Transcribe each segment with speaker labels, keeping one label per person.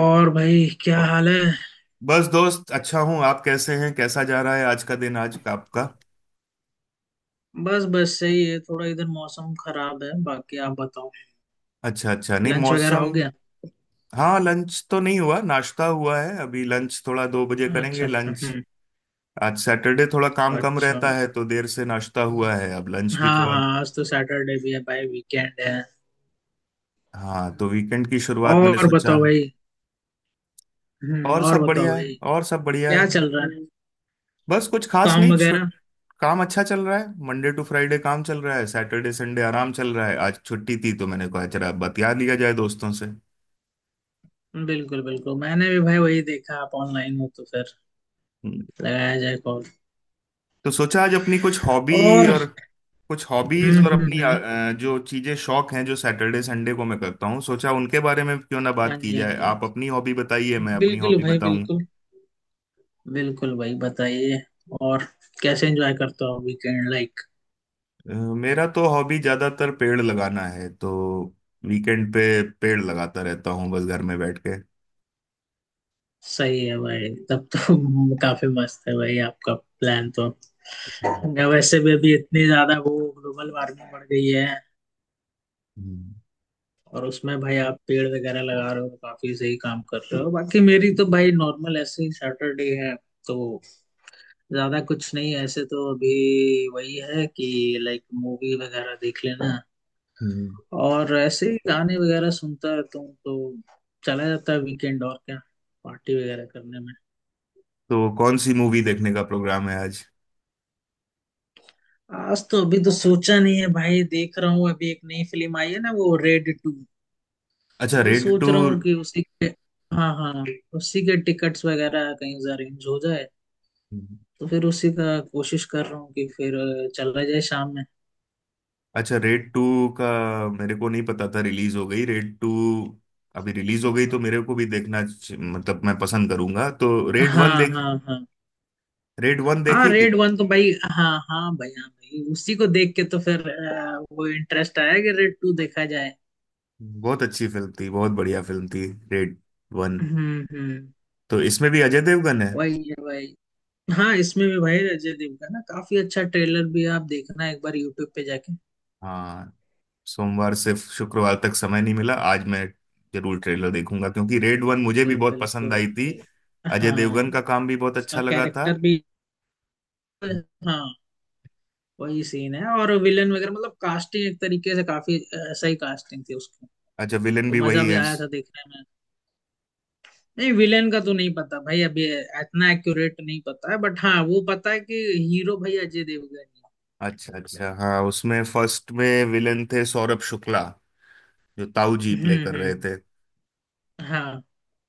Speaker 1: और भाई क्या
Speaker 2: ओ,
Speaker 1: हाल है।
Speaker 2: बस दोस्त अच्छा हूँ। आप कैसे हैं? कैसा जा रहा है आज का दिन? आज का आपका।
Speaker 1: बस बस सही है, थोड़ा इधर मौसम खराब है, बाकी आप बताओ।
Speaker 2: अच्छा अच्छा, नहीं
Speaker 1: लंच वगैरह
Speaker 2: मौसम।
Speaker 1: हो गया?
Speaker 2: हाँ लंच तो नहीं हुआ, नाश्ता हुआ है। अभी लंच थोड़ा 2 बजे करेंगे
Speaker 1: अच्छा अच्छा,
Speaker 2: लंच।
Speaker 1: हम्म।
Speaker 2: आज सैटरडे थोड़ा काम कम
Speaker 1: अच्छा।
Speaker 2: रहता है तो देर से नाश्ता हुआ है, अब लंच भी
Speaker 1: हाँ
Speaker 2: थोड़ा।
Speaker 1: हाँ, आज तो सैटरडे भी है भाई, वीकेंड है।
Speaker 2: हाँ तो वीकेंड की शुरुआत मैंने
Speaker 1: और
Speaker 2: सोचा।
Speaker 1: बताओ भाई। हम्म,
Speaker 2: और
Speaker 1: और
Speaker 2: सब
Speaker 1: बताओ
Speaker 2: बढ़िया है,
Speaker 1: भाई।
Speaker 2: और सब बढ़िया
Speaker 1: क्या
Speaker 2: है।
Speaker 1: चल रहा है?
Speaker 2: बस कुछ खास
Speaker 1: काम
Speaker 2: नहीं, छुट।
Speaker 1: वगैरह?
Speaker 2: काम अच्छा चल रहा है, मंडे टू फ्राइडे काम चल रहा है, सैटरडे संडे आराम चल रहा है। आज छुट्टी थी तो मैंने कहा जरा बतिया लिया जाए दोस्तों से।
Speaker 1: बिल्कुल बिल्कुल, मैंने भी भाई वही देखा, आप ऑनलाइन हो तो फिर
Speaker 2: हम्म।
Speaker 1: लगाया जाए कॉल।
Speaker 2: तो सोचा आज अपनी कुछ हॉबी,
Speaker 1: और।
Speaker 2: और कुछ हॉबीज, और अपनी
Speaker 1: हम्म।
Speaker 2: जो चीजें शौक हैं, जो सैटरडे संडे को मैं करता हूँ, सोचा उनके बारे में क्यों ना
Speaker 1: हाँ
Speaker 2: बात की
Speaker 1: जी, हाँ
Speaker 2: जाए।
Speaker 1: जी, हाँ
Speaker 2: आप
Speaker 1: जी।
Speaker 2: अपनी हॉबी बताइए, मैं अपनी
Speaker 1: बिल्कुल
Speaker 2: हॉबी
Speaker 1: भाई
Speaker 2: बताऊं।
Speaker 1: बिल्कुल। बिल्कुल भाई बताइए। और। कैसे एंजॉय करते हो वीकेंड, लाइक?
Speaker 2: अ, मेरा तो हॉबी ज्यादातर पेड़ लगाना है, तो वीकेंड पे पेड़ लगाता रहता हूँ बस घर में बैठ के।
Speaker 1: सही है भाई, तब तो काफी मस्त है भाई आपका प्लान तो।
Speaker 2: हम्म,
Speaker 1: मैं वैसे भी अभी इतनी ज्यादा वो ग्लोबल वार्मिंग बढ़ गई है,
Speaker 2: हम्म,
Speaker 1: और उसमें भाई आप पेड़ वगैरह लगा रहे हो तो काफी सही काम कर रहे हो। बाकी मेरी तो भाई नॉर्मल ऐसे ही सैटरडे है तो ज्यादा कुछ नहीं है ऐसे तो, अभी वही है कि लाइक मूवी वगैरह देख लेना
Speaker 2: हम्म।
Speaker 1: और ऐसे ही गाने वगैरह सुनता रहता हूँ, तो चला जाता है वीकेंड। और क्या, पार्टी वगैरह करने।
Speaker 2: तो कौन सी मूवी देखने का प्रोग्राम है आज?
Speaker 1: आज तो अभी तो सोचा नहीं है भाई, देख रहा हूँ अभी एक नई फिल्म आई है ना, वो रेड टू।
Speaker 2: अच्छा,
Speaker 1: वही
Speaker 2: रेड टू।
Speaker 1: सोच रहा हूँ कि उसी के। हाँ हाँ। उसी के टिकट्स वगैरह कहीं से अरेंज हो जाए,
Speaker 2: हम्म।
Speaker 1: तो फिर उसी का कोशिश कर रहा हूँ कि फिर चला जाए शाम में।
Speaker 2: अच्छा, रेड टू का मेरे को नहीं पता था रिलीज हो गई रेड टू। अभी रिलीज हो गई तो मेरे को भी देखना मतलब मैं पसंद करूंगा, तो रेड वन
Speaker 1: हाँ
Speaker 2: देख,
Speaker 1: हाँ हाँ
Speaker 2: रेड वन
Speaker 1: हाँ,
Speaker 2: देखी थी।
Speaker 1: रेड वन तो भाई हाँ हाँ भाई हाँ भाई, उसी को देख के तो फिर वो इंटरेस्ट आया कि रेड टू देखा जाए।
Speaker 2: बहुत अच्छी फिल्म थी, बहुत बढ़िया फिल्म थी, रेड वन।
Speaker 1: हम्म।
Speaker 2: तो इसमें भी अजय देवगन है।
Speaker 1: वही है भाई। हाँ, इसमें भी भाई अजय देवगन ना काफी अच्छा ट्रेलर भी है, आप देखना एक बार यूट्यूब पे जाके।
Speaker 2: हाँ, सोमवार से शुक्रवार तक समय नहीं मिला, आज मैं जरूर ट्रेलर देखूंगा क्योंकि रेड वन मुझे भी
Speaker 1: बिल्कुल
Speaker 2: बहुत पसंद
Speaker 1: बिल्कुल
Speaker 2: आई थी।
Speaker 1: भाई।
Speaker 2: अजय
Speaker 1: हाँ।
Speaker 2: देवगन का काम भी बहुत
Speaker 1: उसका
Speaker 2: अच्छा लगा था।
Speaker 1: कैरेक्टर भी। हाँ। वही सीन है, और विलन वगैरह मतलब कास्टिंग एक तरीके से काफी सही कास्टिंग थी उसकी।
Speaker 2: अच्छा, विलेन
Speaker 1: तो
Speaker 2: भी
Speaker 1: मजा
Speaker 2: वही
Speaker 1: भी
Speaker 2: है?
Speaker 1: आया था देखने में। नहीं, विलेन का तो नहीं पता भाई अभी, इतना एक्यूरेट नहीं पता है, बट हाँ वो पता है कि हीरो भाई अजय देवगन है।
Speaker 2: अच्छा अच्छा। हाँ, उसमें फर्स्ट में विलन थे सौरभ शुक्ला, जो ताऊ जी
Speaker 1: हम्म
Speaker 2: प्ले
Speaker 1: हम्म
Speaker 2: कर रहे
Speaker 1: हम्म,
Speaker 2: थे।
Speaker 1: हाँ।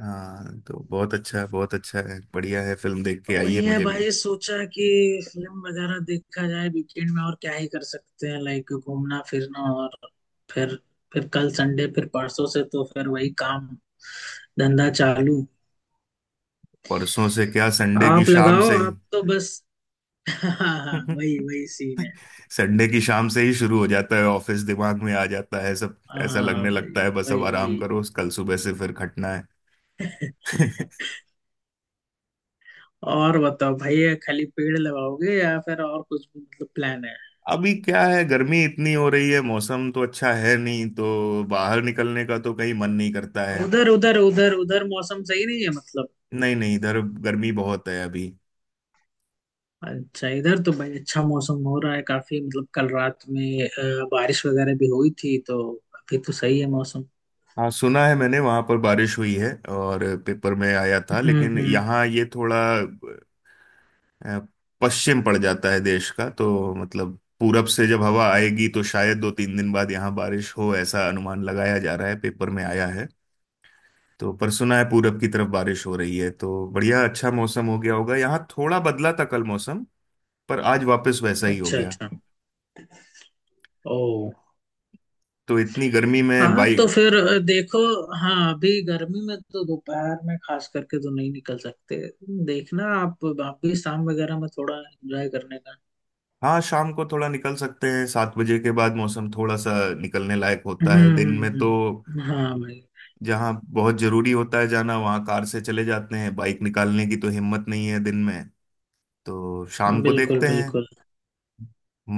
Speaker 2: हाँ तो बहुत अच्छा, बहुत अच्छा है, बढ़िया है। फिल्म देख
Speaker 1: तो
Speaker 2: के आइए,
Speaker 1: वही है
Speaker 2: मुझे भी।
Speaker 1: भाई, सोचा कि फिल्म वगैरह देखा जाए वीकेंड में। और क्या ही कर सकते हैं, लाइक घूमना फिरना और फिर फिर कल संडे, फिर परसों से तो फिर वही काम धंधा चालू।
Speaker 2: परसों से क्या, संडे की
Speaker 1: आप
Speaker 2: शाम
Speaker 1: लगाओ
Speaker 2: से?
Speaker 1: आप तो बस। हाँ। हाँ वही वही सीन है।
Speaker 2: संडे की शाम से ही शुरू हो जाता है, ऑफिस दिमाग में आ जाता है सब। ऐसा
Speaker 1: हाँ
Speaker 2: लगने
Speaker 1: भाई
Speaker 2: लगता है, बस अब
Speaker 1: वही
Speaker 2: आराम
Speaker 1: वही।
Speaker 2: करो, कल सुबह से फिर खटना है।
Speaker 1: और बताओ भैया, खाली पेड़ लगाओगे या फिर और कुछ भी मतलब प्लान है?
Speaker 2: अभी क्या है, गर्मी इतनी हो रही है, मौसम तो अच्छा है नहीं, तो बाहर निकलने का तो कहीं मन नहीं करता है।
Speaker 1: उधर उधर उधर उधर मौसम सही नहीं है मतलब?
Speaker 2: नहीं नहीं, इधर गर्मी बहुत है अभी।
Speaker 1: अच्छा, इधर तो भाई अच्छा मौसम हो रहा है काफी, मतलब कल रात में बारिश वगैरह भी हुई थी तो अभी तो सही है मौसम।
Speaker 2: हाँ सुना है मैंने, वहां पर बारिश हुई है और पेपर में आया था, लेकिन
Speaker 1: हम्म।
Speaker 2: यहाँ ये थोड़ा अ, पश्चिम पड़ जाता है देश का, तो मतलब पूरब से जब हवा आएगी तो शायद दो तीन दिन बाद यहाँ बारिश हो, ऐसा अनुमान लगाया जा रहा है, पेपर में आया है। तो पर सुना है पूरब की तरफ बारिश हो रही है, तो बढ़िया, अच्छा मौसम हो गया होगा। यहाँ थोड़ा बदला था कल मौसम, पर आज वापस वैसा ही हो
Speaker 1: अच्छा
Speaker 2: गया।
Speaker 1: अच्छा। ओ।
Speaker 2: तो इतनी गर्मी में
Speaker 1: हाँ तो
Speaker 2: बाइक।
Speaker 1: फिर देखो, हाँ अभी गर्मी में तो दोपहर में खास करके तो नहीं निकल सकते। देखना, आप भी शाम वगैरह में थोड़ा एंजॉय करने का।
Speaker 2: हाँ शाम को थोड़ा निकल सकते हैं, 7 बजे के बाद मौसम थोड़ा सा निकलने लायक होता है।
Speaker 1: हम्म
Speaker 2: दिन में
Speaker 1: हम्म,
Speaker 2: तो
Speaker 1: हाँ भाई।
Speaker 2: जहाँ बहुत जरूरी होता है जाना वहाँ कार से चले जाते हैं, बाइक निकालने की तो हिम्मत नहीं है दिन में। तो शाम को
Speaker 1: बिल्कुल
Speaker 2: देखते हैं,
Speaker 1: बिल्कुल।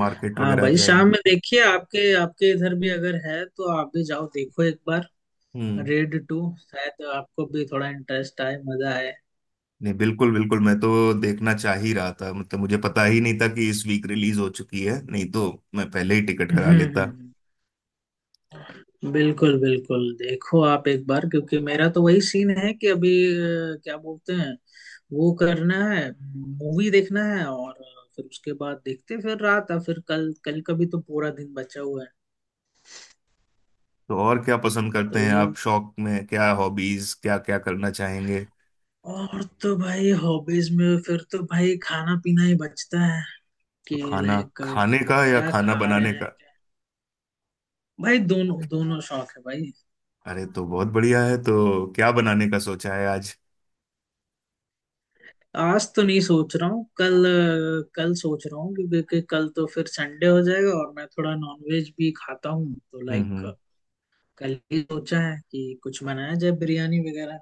Speaker 2: मार्केट
Speaker 1: हाँ
Speaker 2: वगैरह
Speaker 1: भाई, शाम
Speaker 2: जाएंगे।
Speaker 1: में देखिए आपके आपके इधर भी अगर है तो आप भी जाओ देखो एक बार।
Speaker 2: हम्म।
Speaker 1: रेड टू शायद आपको भी थोड़ा इंटरेस्ट आए, मजा आए।
Speaker 2: नहीं बिल्कुल बिल्कुल, मैं तो देखना चाह ही रहा था, मतलब मुझे पता ही नहीं था कि इस वीक रिलीज हो चुकी है, नहीं तो मैं पहले ही टिकट करा लेता।
Speaker 1: हम्म, बिल्कुल बिल्कुल, देखो आप एक बार, क्योंकि मेरा तो वही सीन है कि अभी क्या बोलते हैं, वो करना है, मूवी देखना है और फिर उसके बाद देखते हैं फिर रात, और फिर कल कल का भी तो पूरा दिन बचा हुआ है।
Speaker 2: तो और क्या पसंद करते
Speaker 1: तो
Speaker 2: हैं
Speaker 1: ये,
Speaker 2: आप शौक में? क्या हॉबीज, क्या क्या करना चाहेंगे?
Speaker 1: और तो भाई हॉबीज में फिर तो भाई खाना पीना ही बचता है,
Speaker 2: तो
Speaker 1: कि
Speaker 2: खाना
Speaker 1: लाइक
Speaker 2: खाने का या
Speaker 1: क्या
Speaker 2: खाना
Speaker 1: खा रहे
Speaker 2: बनाने
Speaker 1: हैं
Speaker 2: का?
Speaker 1: क्या। भाई दोनों दोनों शौक है भाई।
Speaker 2: अरे तो बहुत बढ़िया है, तो क्या बनाने का सोचा है आज?
Speaker 1: आज तो नहीं सोच रहा हूँ, कल। कल सोच रहा हूँ क्योंकि कि कल तो फिर संडे हो जाएगा, और मैं थोड़ा नॉनवेज भी खाता हूँ तो
Speaker 2: हम्म,
Speaker 1: लाइक
Speaker 2: हम्म।
Speaker 1: कल ही सोचा है कि कुछ बनाया जाए, बिरयानी वगैरह।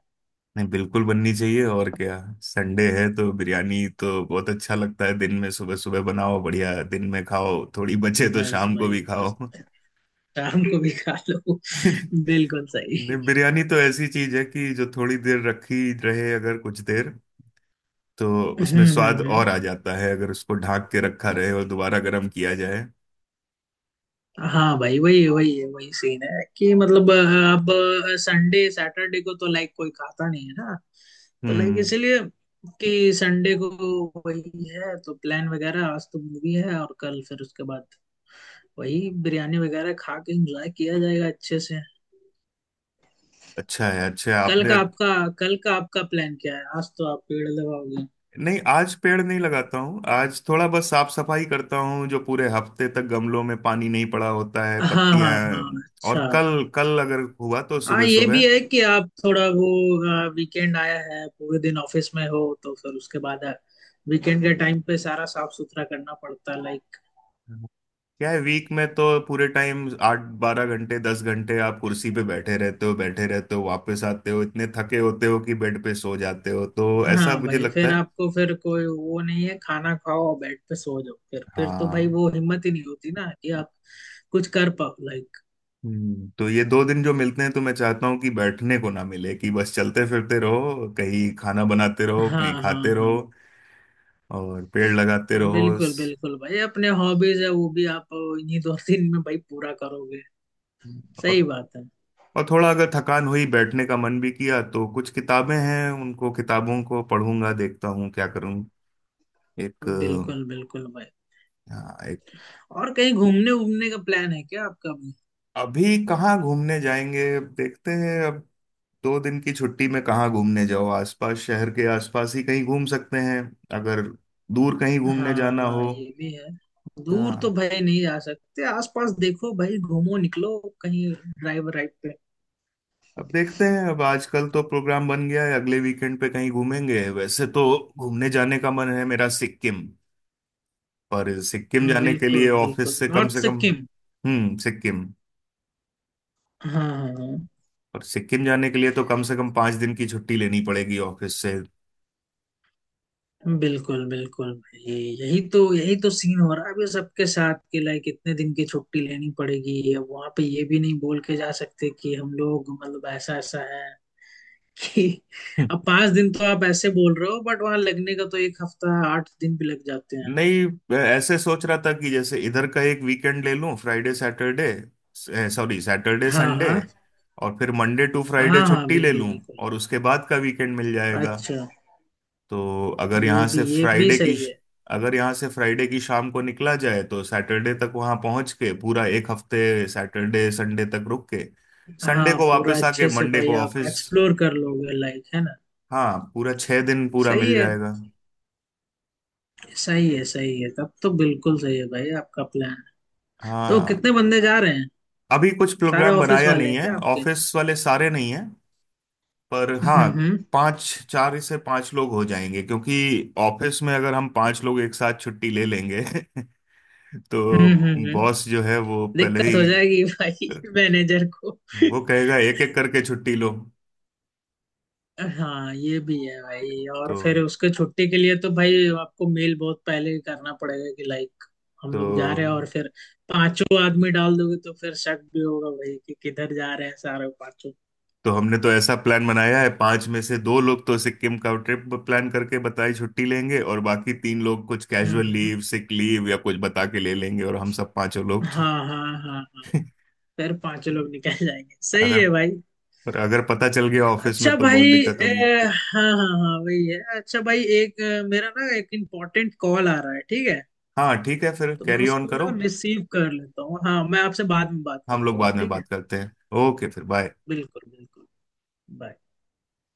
Speaker 2: नहीं बिल्कुल बननी चाहिए, और क्या। संडे है तो बिरयानी तो बहुत अच्छा लगता है, दिन में सुबह सुबह बनाओ, बढ़िया दिन में खाओ, थोड़ी बचे तो
Speaker 1: बस
Speaker 2: शाम को
Speaker 1: भाई
Speaker 2: भी खाओ।
Speaker 1: बस। शाम को भी खा लो। बिल्कुल सही।
Speaker 2: नहीं बिरयानी तो ऐसी चीज है कि जो थोड़ी देर रखी रहे, अगर कुछ देर, तो उसमें
Speaker 1: हम्म हम्म
Speaker 2: स्वाद और
Speaker 1: हम्म।
Speaker 2: आ जाता है, अगर उसको ढक के रखा रहे और दोबारा गर्म किया जाए।
Speaker 1: हाँ भाई, वही वही वही सीन है कि मतलब अब संडे सैटरडे को तो लाइक कोई खाता नहीं है ना, तो लाइक
Speaker 2: हम्म।
Speaker 1: इसलिए, कि संडे को वही है तो प्लान वगैरह, आज तो मूवी है और कल फिर उसके बाद वही बिरयानी वगैरह खा के एंजॉय किया जाएगा अच्छे से।
Speaker 2: अच्छा है, अच्छा है
Speaker 1: कल
Speaker 2: आपने।
Speaker 1: का आपका कल का आपका प्लान क्या है? आज तो आप पेड़ लगाओगे।
Speaker 2: नहीं आज पेड़ नहीं लगाता हूँ, आज थोड़ा बस साफ सफाई करता हूँ, जो पूरे हफ्ते तक गमलों में पानी नहीं पड़ा होता है,
Speaker 1: हाँ हाँ
Speaker 2: पत्तियां।
Speaker 1: हाँ,
Speaker 2: और
Speaker 1: अच्छा।
Speaker 2: कल, कल अगर हुआ तो
Speaker 1: हाँ
Speaker 2: सुबह
Speaker 1: ये भी
Speaker 2: सुबह।
Speaker 1: है कि आप थोड़ा वो वीकेंड आया है, पूरे दिन ऑफिस में हो तो फिर उसके बाद वीकेंड के टाइम पे सारा साफ सुथरा करना पड़ता है, लाइक।
Speaker 2: क्या है, वीक में तो पूरे टाइम आठ 12 घंटे, 10 घंटे आप कुर्सी पे बैठे रहते हो, बैठे रहते हो, वापस आते हो इतने थके होते हो कि बेड पे सो जाते हो, तो ऐसा
Speaker 1: हाँ
Speaker 2: मुझे
Speaker 1: भाई,
Speaker 2: लगता
Speaker 1: फिर
Speaker 2: है।
Speaker 1: आपको फिर कोई वो नहीं है, खाना खाओ और बेड पे सो जाओ, फिर तो भाई
Speaker 2: हाँ।
Speaker 1: वो हिम्मत ही नहीं होती ना कि आप कुछ कर पाओ लाइक।
Speaker 2: तो ये 2 दिन जो मिलते हैं, तो मैं चाहता हूँ कि बैठने को ना मिले, कि बस चलते फिरते रहो, कहीं खाना बनाते रहो,
Speaker 1: हाँ
Speaker 2: कहीं
Speaker 1: हाँ
Speaker 2: खाते
Speaker 1: हाँ,
Speaker 2: रहो, और पेड़ लगाते रहो
Speaker 1: बिल्कुल बिल्कुल भाई, अपने हॉबीज है वो भी आप इन्हीं दो दिन में भाई पूरा करोगे। सही
Speaker 2: और
Speaker 1: बात है।
Speaker 2: और थोड़ा अगर थकान हुई, बैठने का मन भी किया तो कुछ किताबें हैं, उनको, किताबों को पढ़ूंगा, देखता हूँ क्या करूँ। एक।
Speaker 1: बिल्कुल बिल्कुल भाई।
Speaker 2: हाँ, एक।
Speaker 1: और कहीं घूमने घूमने का प्लान है क्या आपका?
Speaker 2: अभी कहाँ घूमने जाएंगे, अब देखते हैं। अब 2 दिन की छुट्टी में कहाँ घूमने जाओ, आसपास, शहर के आसपास ही कहीं घूम सकते हैं। अगर दूर कहीं घूमने जाना
Speaker 1: हाँ
Speaker 2: हो।
Speaker 1: ये भी है। दूर तो
Speaker 2: हाँ
Speaker 1: भाई नहीं जा सकते, आसपास देखो भाई घूमो निकलो कहीं ड्राइव राइड पे।
Speaker 2: अब देखते हैं। अब आजकल तो प्रोग्राम बन गया है अगले वीकेंड पे कहीं घूमेंगे, वैसे तो घूमने जाने का मन है मेरा, सिक्किम। पर सिक्किम जाने के लिए
Speaker 1: बिल्कुल बिल्कुल,
Speaker 2: ऑफिस से कम
Speaker 1: नॉर्थ
Speaker 2: से कम।
Speaker 1: सिक्किम।
Speaker 2: हम्म, सिक्किम।
Speaker 1: हाँ हाँ हाँ।
Speaker 2: पर सिक्किम जाने के लिए तो कम से कम 5 दिन की छुट्टी लेनी पड़ेगी ऑफिस से।
Speaker 1: बिल्कुल बिल्कुल भाई, यही तो सीन हो रहा है अभी सबके साथ कि लाइक इतने दिन की छुट्टी लेनी पड़ेगी, अब वहां पे ये भी नहीं बोल के जा सकते कि हम लोग मतलब ऐसा ऐसा है कि
Speaker 2: हम्म।
Speaker 1: अब 5 दिन तो आप ऐसे बोल रहे हो, बट वहां लगने का तो एक हफ्ता 8 दिन भी लग जाते हैं।
Speaker 2: नहीं ऐसे सोच रहा था कि जैसे इधर का एक वीकेंड ले लूं, फ्राइडे सैटरडे, सॉरी सैटरडे
Speaker 1: हाँ
Speaker 2: संडे,
Speaker 1: हाँ
Speaker 2: और फिर मंडे टू फ्राइडे
Speaker 1: हाँ हाँ,
Speaker 2: छुट्टी ले
Speaker 1: बिल्कुल
Speaker 2: लूं
Speaker 1: बिल्कुल।
Speaker 2: और उसके बाद का वीकेंड मिल जाएगा।
Speaker 1: अच्छा,
Speaker 2: तो अगर
Speaker 1: ये
Speaker 2: यहाँ से
Speaker 1: भी ये भी
Speaker 2: फ्राइडे की
Speaker 1: सही है।
Speaker 2: अगर यहाँ से फ्राइडे की शाम को निकला जाए तो सैटरडे तक वहाँ पहुँच के पूरा एक हफ्ते, सैटरडे संडे तक रुक के, संडे
Speaker 1: हाँ
Speaker 2: को
Speaker 1: पूरा
Speaker 2: वापस आके
Speaker 1: अच्छे से
Speaker 2: मंडे
Speaker 1: भाई
Speaker 2: को
Speaker 1: आप
Speaker 2: ऑफिस।
Speaker 1: एक्सप्लोर कर लोगे लाइक, है ना।
Speaker 2: हाँ, पूरा 6 दिन पूरा
Speaker 1: सही
Speaker 2: मिल
Speaker 1: है
Speaker 2: जाएगा।
Speaker 1: सही है सही है, तब तो बिल्कुल सही है भाई आपका प्लान। तो
Speaker 2: हाँ,
Speaker 1: कितने बंदे जा रहे हैं?
Speaker 2: अभी कुछ
Speaker 1: सारे
Speaker 2: प्रोग्राम
Speaker 1: ऑफिस
Speaker 2: बनाया
Speaker 1: वाले
Speaker 2: नहीं
Speaker 1: हैं
Speaker 2: है।
Speaker 1: क्या आपके?
Speaker 2: ऑफिस वाले सारे नहीं हैं, पर हाँ,
Speaker 1: हम्म हम्म
Speaker 2: पाँच चार से पाँच लोग हो जाएंगे, क्योंकि ऑफिस में अगर हम पाँच लोग एक साथ छुट्टी ले लेंगे तो
Speaker 1: हम्म हम्म हम्म।
Speaker 2: बॉस जो है वो पहले
Speaker 1: दिक्कत
Speaker 2: ही,
Speaker 1: हो जाएगी भाई, मैनेजर को।
Speaker 2: वो कहेगा एक एक करके छुट्टी लो।
Speaker 1: हाँ ये भी है भाई,
Speaker 2: तो
Speaker 1: और फिर उसके छुट्टी के लिए तो भाई आपको मेल बहुत पहले ही करना पड़ेगा कि लाइक हम
Speaker 2: तो
Speaker 1: लोग जा रहे हैं, और फिर पांचों आदमी डाल दोगे तो फिर शक भी होगा भाई कि किधर जा रहे हैं सारे पांचों।
Speaker 2: तो हमने तो ऐसा प्लान बनाया है, पांच में से दो लोग तो सिक्किम का ट्रिप प्लान करके बताई छुट्टी लेंगे और बाकी तीन लोग कुछ
Speaker 1: हम्म
Speaker 2: कैजुअल
Speaker 1: हम्म।
Speaker 2: लीव, सिक लीव या कुछ बता के ले लेंगे, और हम सब पांचों लोग
Speaker 1: हाँ हाँ हाँ हाँ, फिर पांचों लोग निकल जाएंगे, सही
Speaker 2: अगर
Speaker 1: है भाई।
Speaker 2: पर अगर पता चल गया ऑफिस में
Speaker 1: अच्छा
Speaker 2: तो
Speaker 1: भाई,
Speaker 2: बहुत दिक्कत होगी।
Speaker 1: ए, हाँ हाँ हाँ वही है, अच्छा भाई एक मेरा ना एक इम्पोर्टेंट कॉल आ रहा है, ठीक है?
Speaker 2: हाँ ठीक है, फिर
Speaker 1: तो मैं
Speaker 2: कैरी ऑन
Speaker 1: उसको
Speaker 2: करो।
Speaker 1: ना रिसीव कर लेता हूँ, हाँ मैं आपसे बाद में बात
Speaker 2: हम लोग
Speaker 1: करता हूँ,
Speaker 2: बाद में
Speaker 1: ठीक है।
Speaker 2: बात करते हैं। ओके, फिर बाय।
Speaker 1: बिल्कुल बिल्कुल। Bye.